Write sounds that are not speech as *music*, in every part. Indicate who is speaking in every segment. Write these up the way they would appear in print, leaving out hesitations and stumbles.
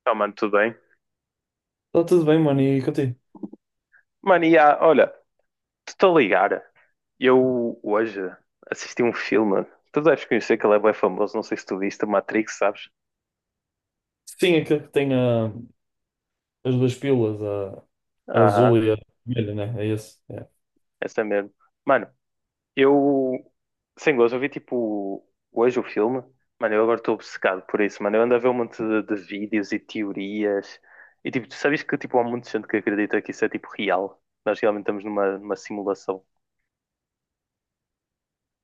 Speaker 1: Então, mano, tudo bem?
Speaker 2: Está tudo bem, mano, e contigo?
Speaker 1: Mano, e há, olha, estou a ligar. Eu hoje assisti um filme. Tu deves conhecer que ele é bem famoso. Não sei se tu viste Matrix, sabes?
Speaker 2: Sim, aquele que tem as duas pílulas, a
Speaker 1: Aham,
Speaker 2: azul e a vermelha, né? É esse. É.
Speaker 1: essa mesmo. Mano, eu, sem gozo, eu vi tipo hoje o filme. Mano, eu agora estou obcecado por isso, mano. Eu ando a ver um monte de vídeos e teorias. E tipo, tu sabes que tipo, há muita gente que acredita que isso é tipo real. Nós realmente estamos numa simulação.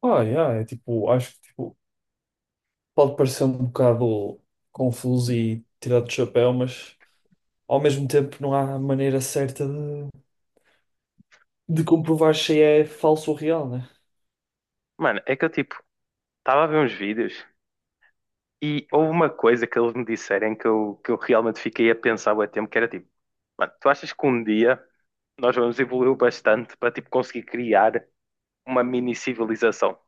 Speaker 2: Yeah, é tipo, acho que tipo, pode parecer um bocado confuso e tirado do chapéu, mas ao mesmo tempo não há maneira certa de comprovar se é falso ou real, né?
Speaker 1: Mano, é que eu tipo, estava a ver uns vídeos. E houve uma coisa que eles me disserem que eu realmente fiquei a pensar bué tempo, que era tipo, mano, tu achas que um dia nós vamos evoluir bastante para tipo conseguir criar uma mini civilização?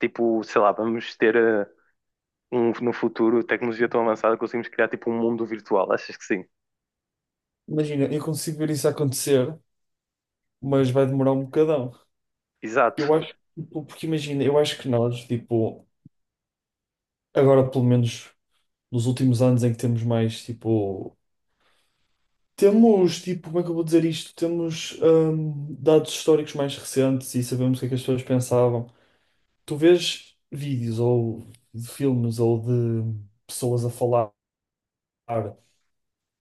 Speaker 1: Tipo, sei lá, vamos ter no futuro tecnologia tão avançada que conseguimos criar tipo um mundo virtual, achas que sim?
Speaker 2: Imagina, eu consigo ver isso acontecer, mas vai demorar um bocadão.
Speaker 1: Exato.
Speaker 2: Eu acho, tipo, porque imagina, eu acho que nós, tipo, agora pelo menos nos últimos anos em que temos mais, tipo. Temos, tipo, como é que eu vou dizer isto? Temos dados históricos mais recentes e sabemos o que é que as pessoas pensavam. Tu vês vídeos ou de filmes ou de pessoas a falar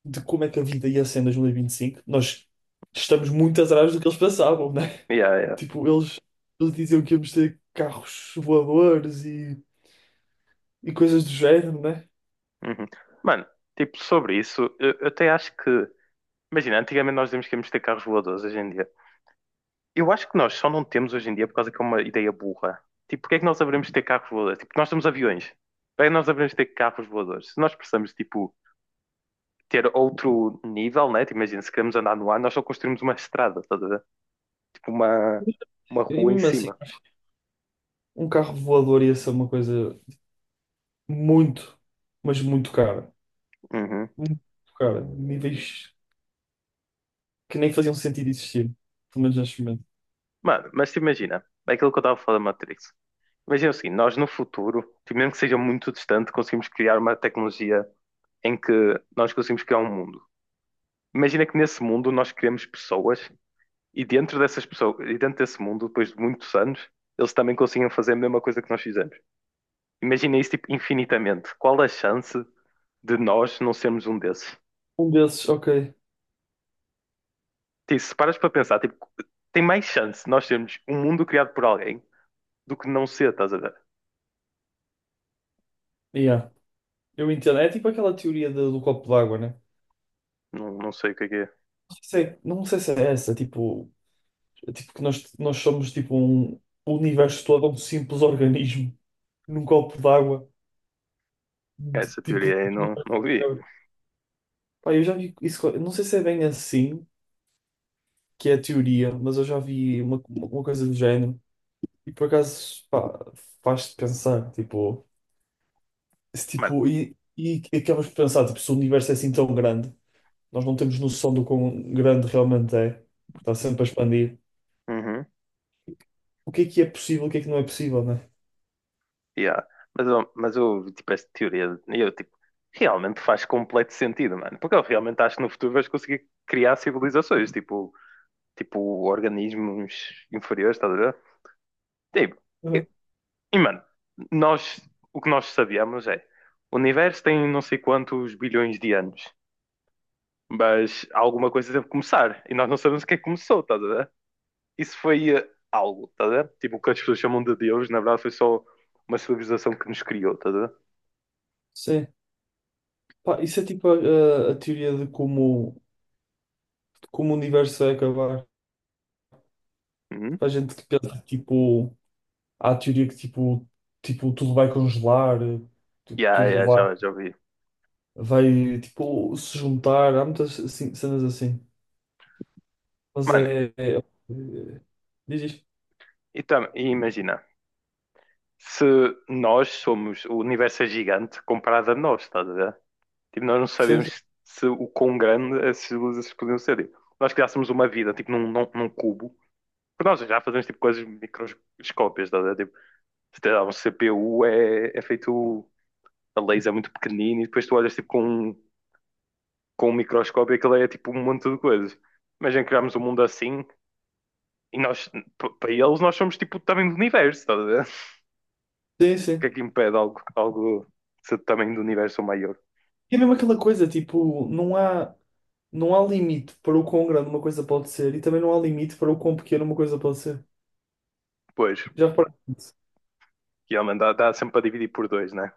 Speaker 2: de como é que a vida ia ser em 2025, nós estamos muito atrás do que eles pensavam, né?
Speaker 1: Yeah, yeah.
Speaker 2: *laughs* Tipo, eles diziam que íamos ter carros voadores e coisas do género, né?
Speaker 1: Uhum. Mano, tipo, sobre isso, eu até acho que, imagina, antigamente nós dizíamos que íamos ter carros voadores hoje em dia. Eu acho que nós só não temos hoje em dia por causa que é uma ideia burra. Tipo, porque é que nós haveremos de ter carros voadores? Tipo, nós temos aviões. Para que nós haveremos de ter carros voadores? Se nós precisamos, tipo, ter outro nível, né? Tipo, imagina, se queremos andar no ar, nós só construímos uma estrada, estás a ver? Tipo, uma
Speaker 2: E
Speaker 1: rua em
Speaker 2: mesmo assim,
Speaker 1: cima.
Speaker 2: um carro voador ia ser uma coisa muito, mas muito cara.
Speaker 1: Uhum.
Speaker 2: Um, cara, níveis que nem faziam sentido existir, pelo menos neste momento.
Speaker 1: Mano, mas te imagina, é aquilo que eu estava a falar da Matrix. Imagina o seguinte, nós no futuro, tipo, mesmo que seja muito distante, conseguimos criar uma tecnologia em que nós conseguimos criar um mundo. Imagina que nesse mundo nós criamos pessoas. E dentro dessas pessoas, e dentro desse mundo, depois de muitos anos, eles também conseguiam fazer a mesma coisa que nós fizemos. Imagina isso, tipo, infinitamente. Qual a chance de nós não sermos um desses?
Speaker 2: Um desses, ok,
Speaker 1: Tipo, se paras para pensar, tipo, tem mais chance de nós sermos um mundo criado por alguém do que não ser, estás a ver?
Speaker 2: yeah. Eu entendo. É tipo aquela teoria do copo d'água, né?
Speaker 1: Não, não sei o que é que é.
Speaker 2: Não sei, não sei se é essa, tipo, é tipo que nós somos tipo um, o universo todo é um simples organismo num copo d'água,
Speaker 1: É
Speaker 2: de-
Speaker 1: essa teoria
Speaker 2: tipo.
Speaker 1: aí, não, não ouvi.
Speaker 2: Pá, eu já vi isso, eu não sei se é bem assim que é a teoria, mas eu já vi uma coisa do género e por acaso, pá, faz-te pensar, tipo. Se,
Speaker 1: Mano,
Speaker 2: tipo, e acabas por pensar, tipo, se o universo é assim tão grande, nós não temos noção do quão grande realmente é, porque está sempre a expandir.
Speaker 1: uhum,
Speaker 2: O que é possível, o que é que não é possível, né?
Speaker 1: yeah. Mas eu, tipo, esta teoria, eu, tipo, realmente faz completo sentido, mano. Porque eu realmente acho que no futuro vais conseguir criar civilizações, tipo, organismos inferiores, estás a ver? Tipo,
Speaker 2: Uhum.
Speaker 1: e, e, mano, nós, o que nós sabíamos é o universo tem não sei quantos bilhões de anos, mas alguma coisa deve começar e nós não sabemos o que é que começou, estás a ver? Isso foi algo, estás a ver? Tipo, o que as pessoas chamam de Deus, na verdade, foi só uma civilização que nos criou, estás a ver?
Speaker 2: Sim. Pá, isso é tipo a teoria de como o universo vai acabar.
Speaker 1: Uhum.
Speaker 2: Há gente que pensa, tipo, há a teoria que tipo, tipo, tudo vai congelar, tipo,
Speaker 1: Yeah,
Speaker 2: tudo
Speaker 1: yeah,
Speaker 2: vai,
Speaker 1: já vi.
Speaker 2: vai tipo, se juntar. Há muitas assim, cenas assim. Mas
Speaker 1: Mano,
Speaker 2: é. É- é- diz isto.
Speaker 1: e imagina. Se nós somos, o universo é gigante comparado a nós, estás a ver? Tipo, nós não
Speaker 2: Sim, sim.
Speaker 1: sabíamos se o quão grande essas luzes podiam ser. Tipo, nós criássemos uma vida, tipo, num cubo. Porque nós já fazemos, tipo, coisas microscópicas, estás a ver? Tipo, se te dá um CPU, é feito a laser é muito pequenino e depois tu olhas, tipo, com um microscópio e aquilo é, tipo, um monte de coisas. Imagina criarmos um mundo assim e nós, para eles, nós somos, tipo, também do universo, estás a ver? O
Speaker 2: Sim,
Speaker 1: que é
Speaker 2: sim.
Speaker 1: que impede algo de ser do tamanho do universo ou maior?
Speaker 2: E é mesmo aquela coisa, tipo, não há, não há limite para o quão grande uma coisa pode ser e também não há limite para o quão pequena uma coisa pode ser.
Speaker 1: Pois,
Speaker 2: Já reparaste? Nisso?
Speaker 1: realmente dá sempre para dividir por dois, né?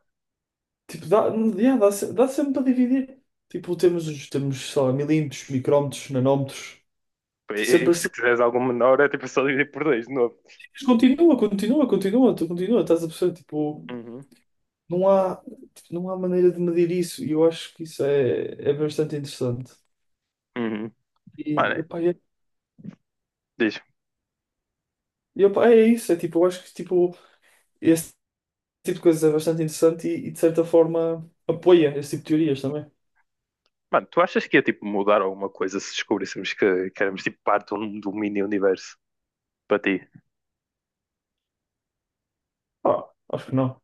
Speaker 2: Tipo, dá, yeah, dá, se- dá sempre para dividir. Tipo, temos, os- temos, sei lá, milímetros, micrómetros, nanómetros,
Speaker 1: E,
Speaker 2: sempre
Speaker 1: e
Speaker 2: assim.
Speaker 1: se quiseres algum menor, é tipo só dividir por dois de novo.
Speaker 2: Mas continua, continua, continua, tu continua, estás a perceber?
Speaker 1: Uhum,
Speaker 2: Não há, tipo, não há maneira de medir isso e eu acho que isso é, é bastante interessante.
Speaker 1: uhum. Mano,
Speaker 2: E, epá, é,
Speaker 1: diz,
Speaker 2: e, epá, é isso, é tipo, eu acho que tipo, esse tipo de coisas é bastante interessante e, de certa forma, apoia esse tipo de teorias também.
Speaker 1: mano, tu achas que ia tipo mudar alguma coisa se descobríssemos que éramos tipo parte de um mini universo para ti?
Speaker 2: Ah, acho que não.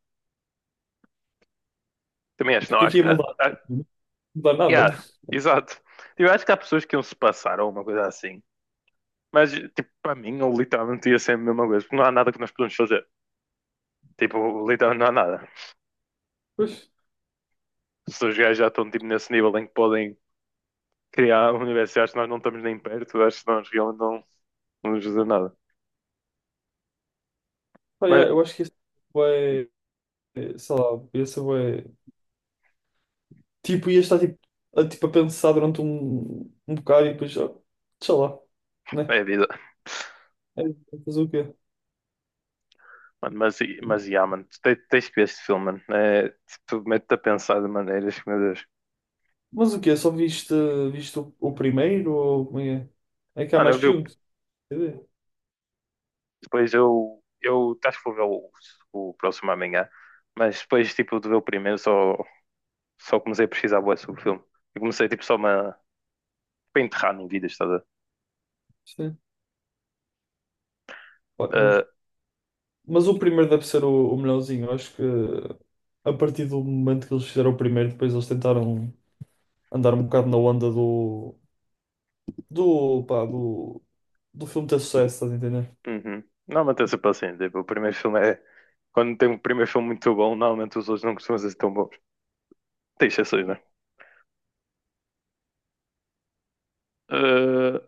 Speaker 1: Também acho, não,
Speaker 2: Porque
Speaker 1: acho
Speaker 2: aqui ia
Speaker 1: que.
Speaker 2: mudar,
Speaker 1: Ah,
Speaker 2: não mudar nada,
Speaker 1: yeah,
Speaker 2: mas
Speaker 1: exato. Eu acho que há pessoas que iam se passar ou uma coisa assim. Mas, tipo, para mim, eu literalmente ia ser a mesma coisa, porque não há nada que nós podemos fazer. Tipo, literalmente não há nada.
Speaker 2: pois,
Speaker 1: Se os gajos já estão, tipo, nesse nível em que podem criar um universo. Acho que nós não estamos nem perto, acho que nós realmente não nos ajuda nada.
Speaker 2: pá,
Speaker 1: Mas
Speaker 2: é, eu acho que esse vai é, é, sei lá, esse é, tipo, ia estar tipo, a, tipo, a pensar durante um, um bocado e depois, ah, sei lá. Né?
Speaker 1: é vida.
Speaker 2: É, fazer o quê?
Speaker 1: Mano, mas yeah, mano, tu tens que ver este filme, mano. É, tu mete-te a pensar de maneiras que, meu Deus.
Speaker 2: Mas o quê? Só viste, viste o primeiro ou como é? É, é que há
Speaker 1: Mano, eu
Speaker 2: mais
Speaker 1: vi
Speaker 2: que um. Quer dizer.
Speaker 1: depois eu acho que vou ver o próximo amanhã, mas depois tipo de ver o primeiro só, comecei a pesquisar bué sobre o filme. Eu comecei tipo só uma, para enterrar no vídeo, estás a ver?
Speaker 2: Sim. Pá,
Speaker 1: Ah,
Speaker 2: mas o primeiro deve ser o melhorzinho. Eu acho que a partir do momento que eles fizeram o primeiro, depois eles tentaram andar um bocado na onda do, do, pá, do, do filme ter sucesso, estás a entender?
Speaker 1: uhum. Normalmente é sempre assim, tipo, o primeiro filme é. Quando tem um primeiro filme muito bom, normalmente os outros não costumam ser tão bons. Tem exceções, né? Uh,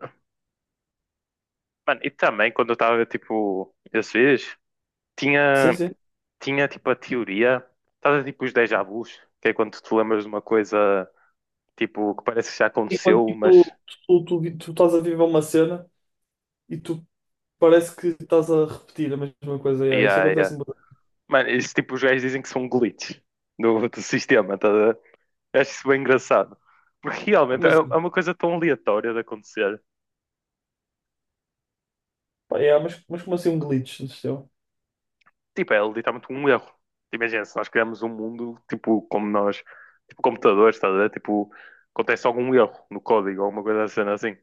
Speaker 1: mano, e também quando eu estava a ver, tipo, esses vídeos,
Speaker 2: Sim,
Speaker 1: tinha,
Speaker 2: sim.
Speaker 1: tinha tipo a teoria, estava tipo os déjà vus, que é quando tu te lembras de uma coisa, tipo, que parece que já
Speaker 2: Enquanto
Speaker 1: aconteceu, mas.
Speaker 2: tipo, tu estás a viver uma cena e tu parece que estás a repetir a mesma coisa. Yeah, isso
Speaker 1: Yeah, yeah.
Speaker 2: acontece um bocado.
Speaker 1: Mano, isso tipo, os gajos dizem que são glitches do sistema, tá? A ver? Eu acho isso bem engraçado. *laughs* Porque realmente
Speaker 2: Como
Speaker 1: é
Speaker 2: assim?
Speaker 1: uma coisa tão aleatória de acontecer.
Speaker 2: Pá, yeah, mas como assim um glitch no sistema?
Speaker 1: Tipo, é literalmente um erro. Tipo, imagina, se nós criamos um mundo, tipo, como nós, tipo, computadores, estás a ver? Tipo, acontece algum erro no código, alguma coisa assim, assim.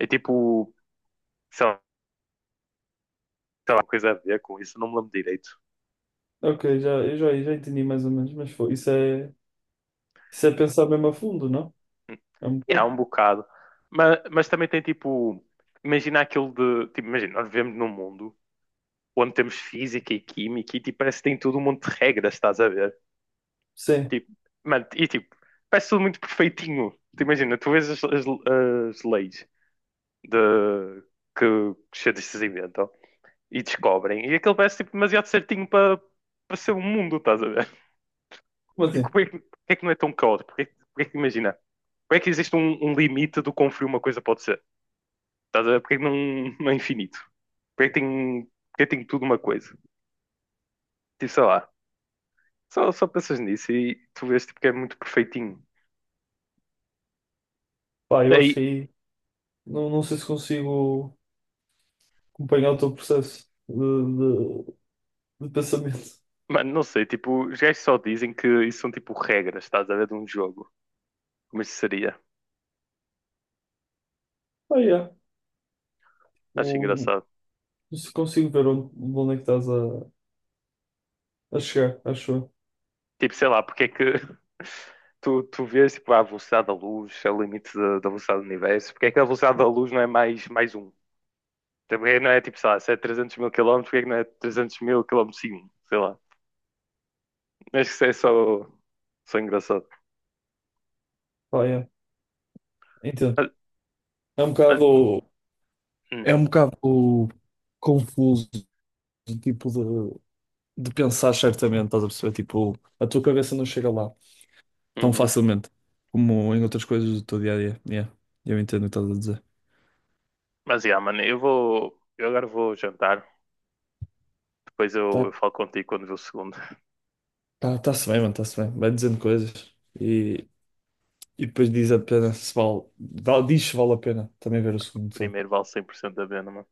Speaker 1: É tipo, sei lá, tem alguma coisa a ver com isso, não me lembro direito.
Speaker 2: Ok, já, eu já, já entendi mais ou menos, mas foi, isso é pensar mesmo a fundo, não?
Speaker 1: Hum.
Speaker 2: É um
Speaker 1: E há
Speaker 2: bocado.
Speaker 1: um bocado. Mas também tem, tipo, imagina aquilo de, tipo, imagina, nós vivemos num mundo onde temos física e química e, tipo, parece que tem tudo um monte de regras, estás a ver?
Speaker 2: Sim,
Speaker 1: Tipo, mano, e, tipo, parece tudo muito perfeitinho. Tu imagina, tu vês as leis de, que os cientistas inventam e descobrem. E aquilo parece tipo, demasiado certinho para ser um mundo, estás a ver? *laughs*
Speaker 2: como
Speaker 1: Tipo,
Speaker 2: assim?
Speaker 1: porquê, é que não é tão caótico? Porquê é que imagina? Porquê é que existe um limite do quão frio uma coisa pode ser? Estás a ver? Porquê é que não, não é infinito? porquê é que tem, tudo uma coisa? Tipo, sei lá. Só pensas nisso e tu vês tipo, que é muito perfeitinho.
Speaker 2: Pá, eu acho que
Speaker 1: Aí,
Speaker 2: aí não, não sei se consigo acompanhar o teu processo de pensamento. *laughs*
Speaker 1: mano, não sei. Tipo, os gajos só dizem que isso são tipo regras, estás a ver? De um jogo. Como isso seria?
Speaker 2: Ah, yeah.
Speaker 1: Acho
Speaker 2: O,
Speaker 1: engraçado.
Speaker 2: se consigo ver onde, onde é que estás a chegar, acho eu.
Speaker 1: Tipo, sei lá, porque é que *laughs* tu vês tipo, a velocidade da luz, é o limite da velocidade do universo, porque é que a velocidade da luz não é mais um? Então, porque é que não é tipo, sei lá, se é 300 mil quilómetros, porque é que não é 300 mil quilómetros por segundo? Sei lá. Acho que isso é só, engraçado.
Speaker 2: Pá, yeah. Entendo.
Speaker 1: Mas,
Speaker 2: É um
Speaker 1: mas,
Speaker 2: bocado.
Speaker 1: hum,
Speaker 2: É um bocado confuso, tipo, de pensar certamente, estás a perceber? Tipo, a tua cabeça não chega lá, tão
Speaker 1: uhum.
Speaker 2: facilmente como em outras coisas do teu dia a dia. Yeah, eu entendo o que estás a dizer.
Speaker 1: Mas, yeah, mano, eu vou. Eu agora vou jantar. Depois eu,
Speaker 2: Tá,
Speaker 1: eu falo contigo quando ver o segundo. *laughs*
Speaker 2: tá, tá-se bem, mano, está-se bem. Vai dizendo coisas e, e depois diz a pena se vale. Dá- Diz se vale a pena também ver o segundo filme.
Speaker 1: Primeiro vale 100% a pena, mano.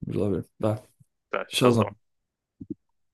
Speaker 2: Vamos lá ver. Dá.
Speaker 1: Tá, tchauzão.
Speaker 2: Tchauzão.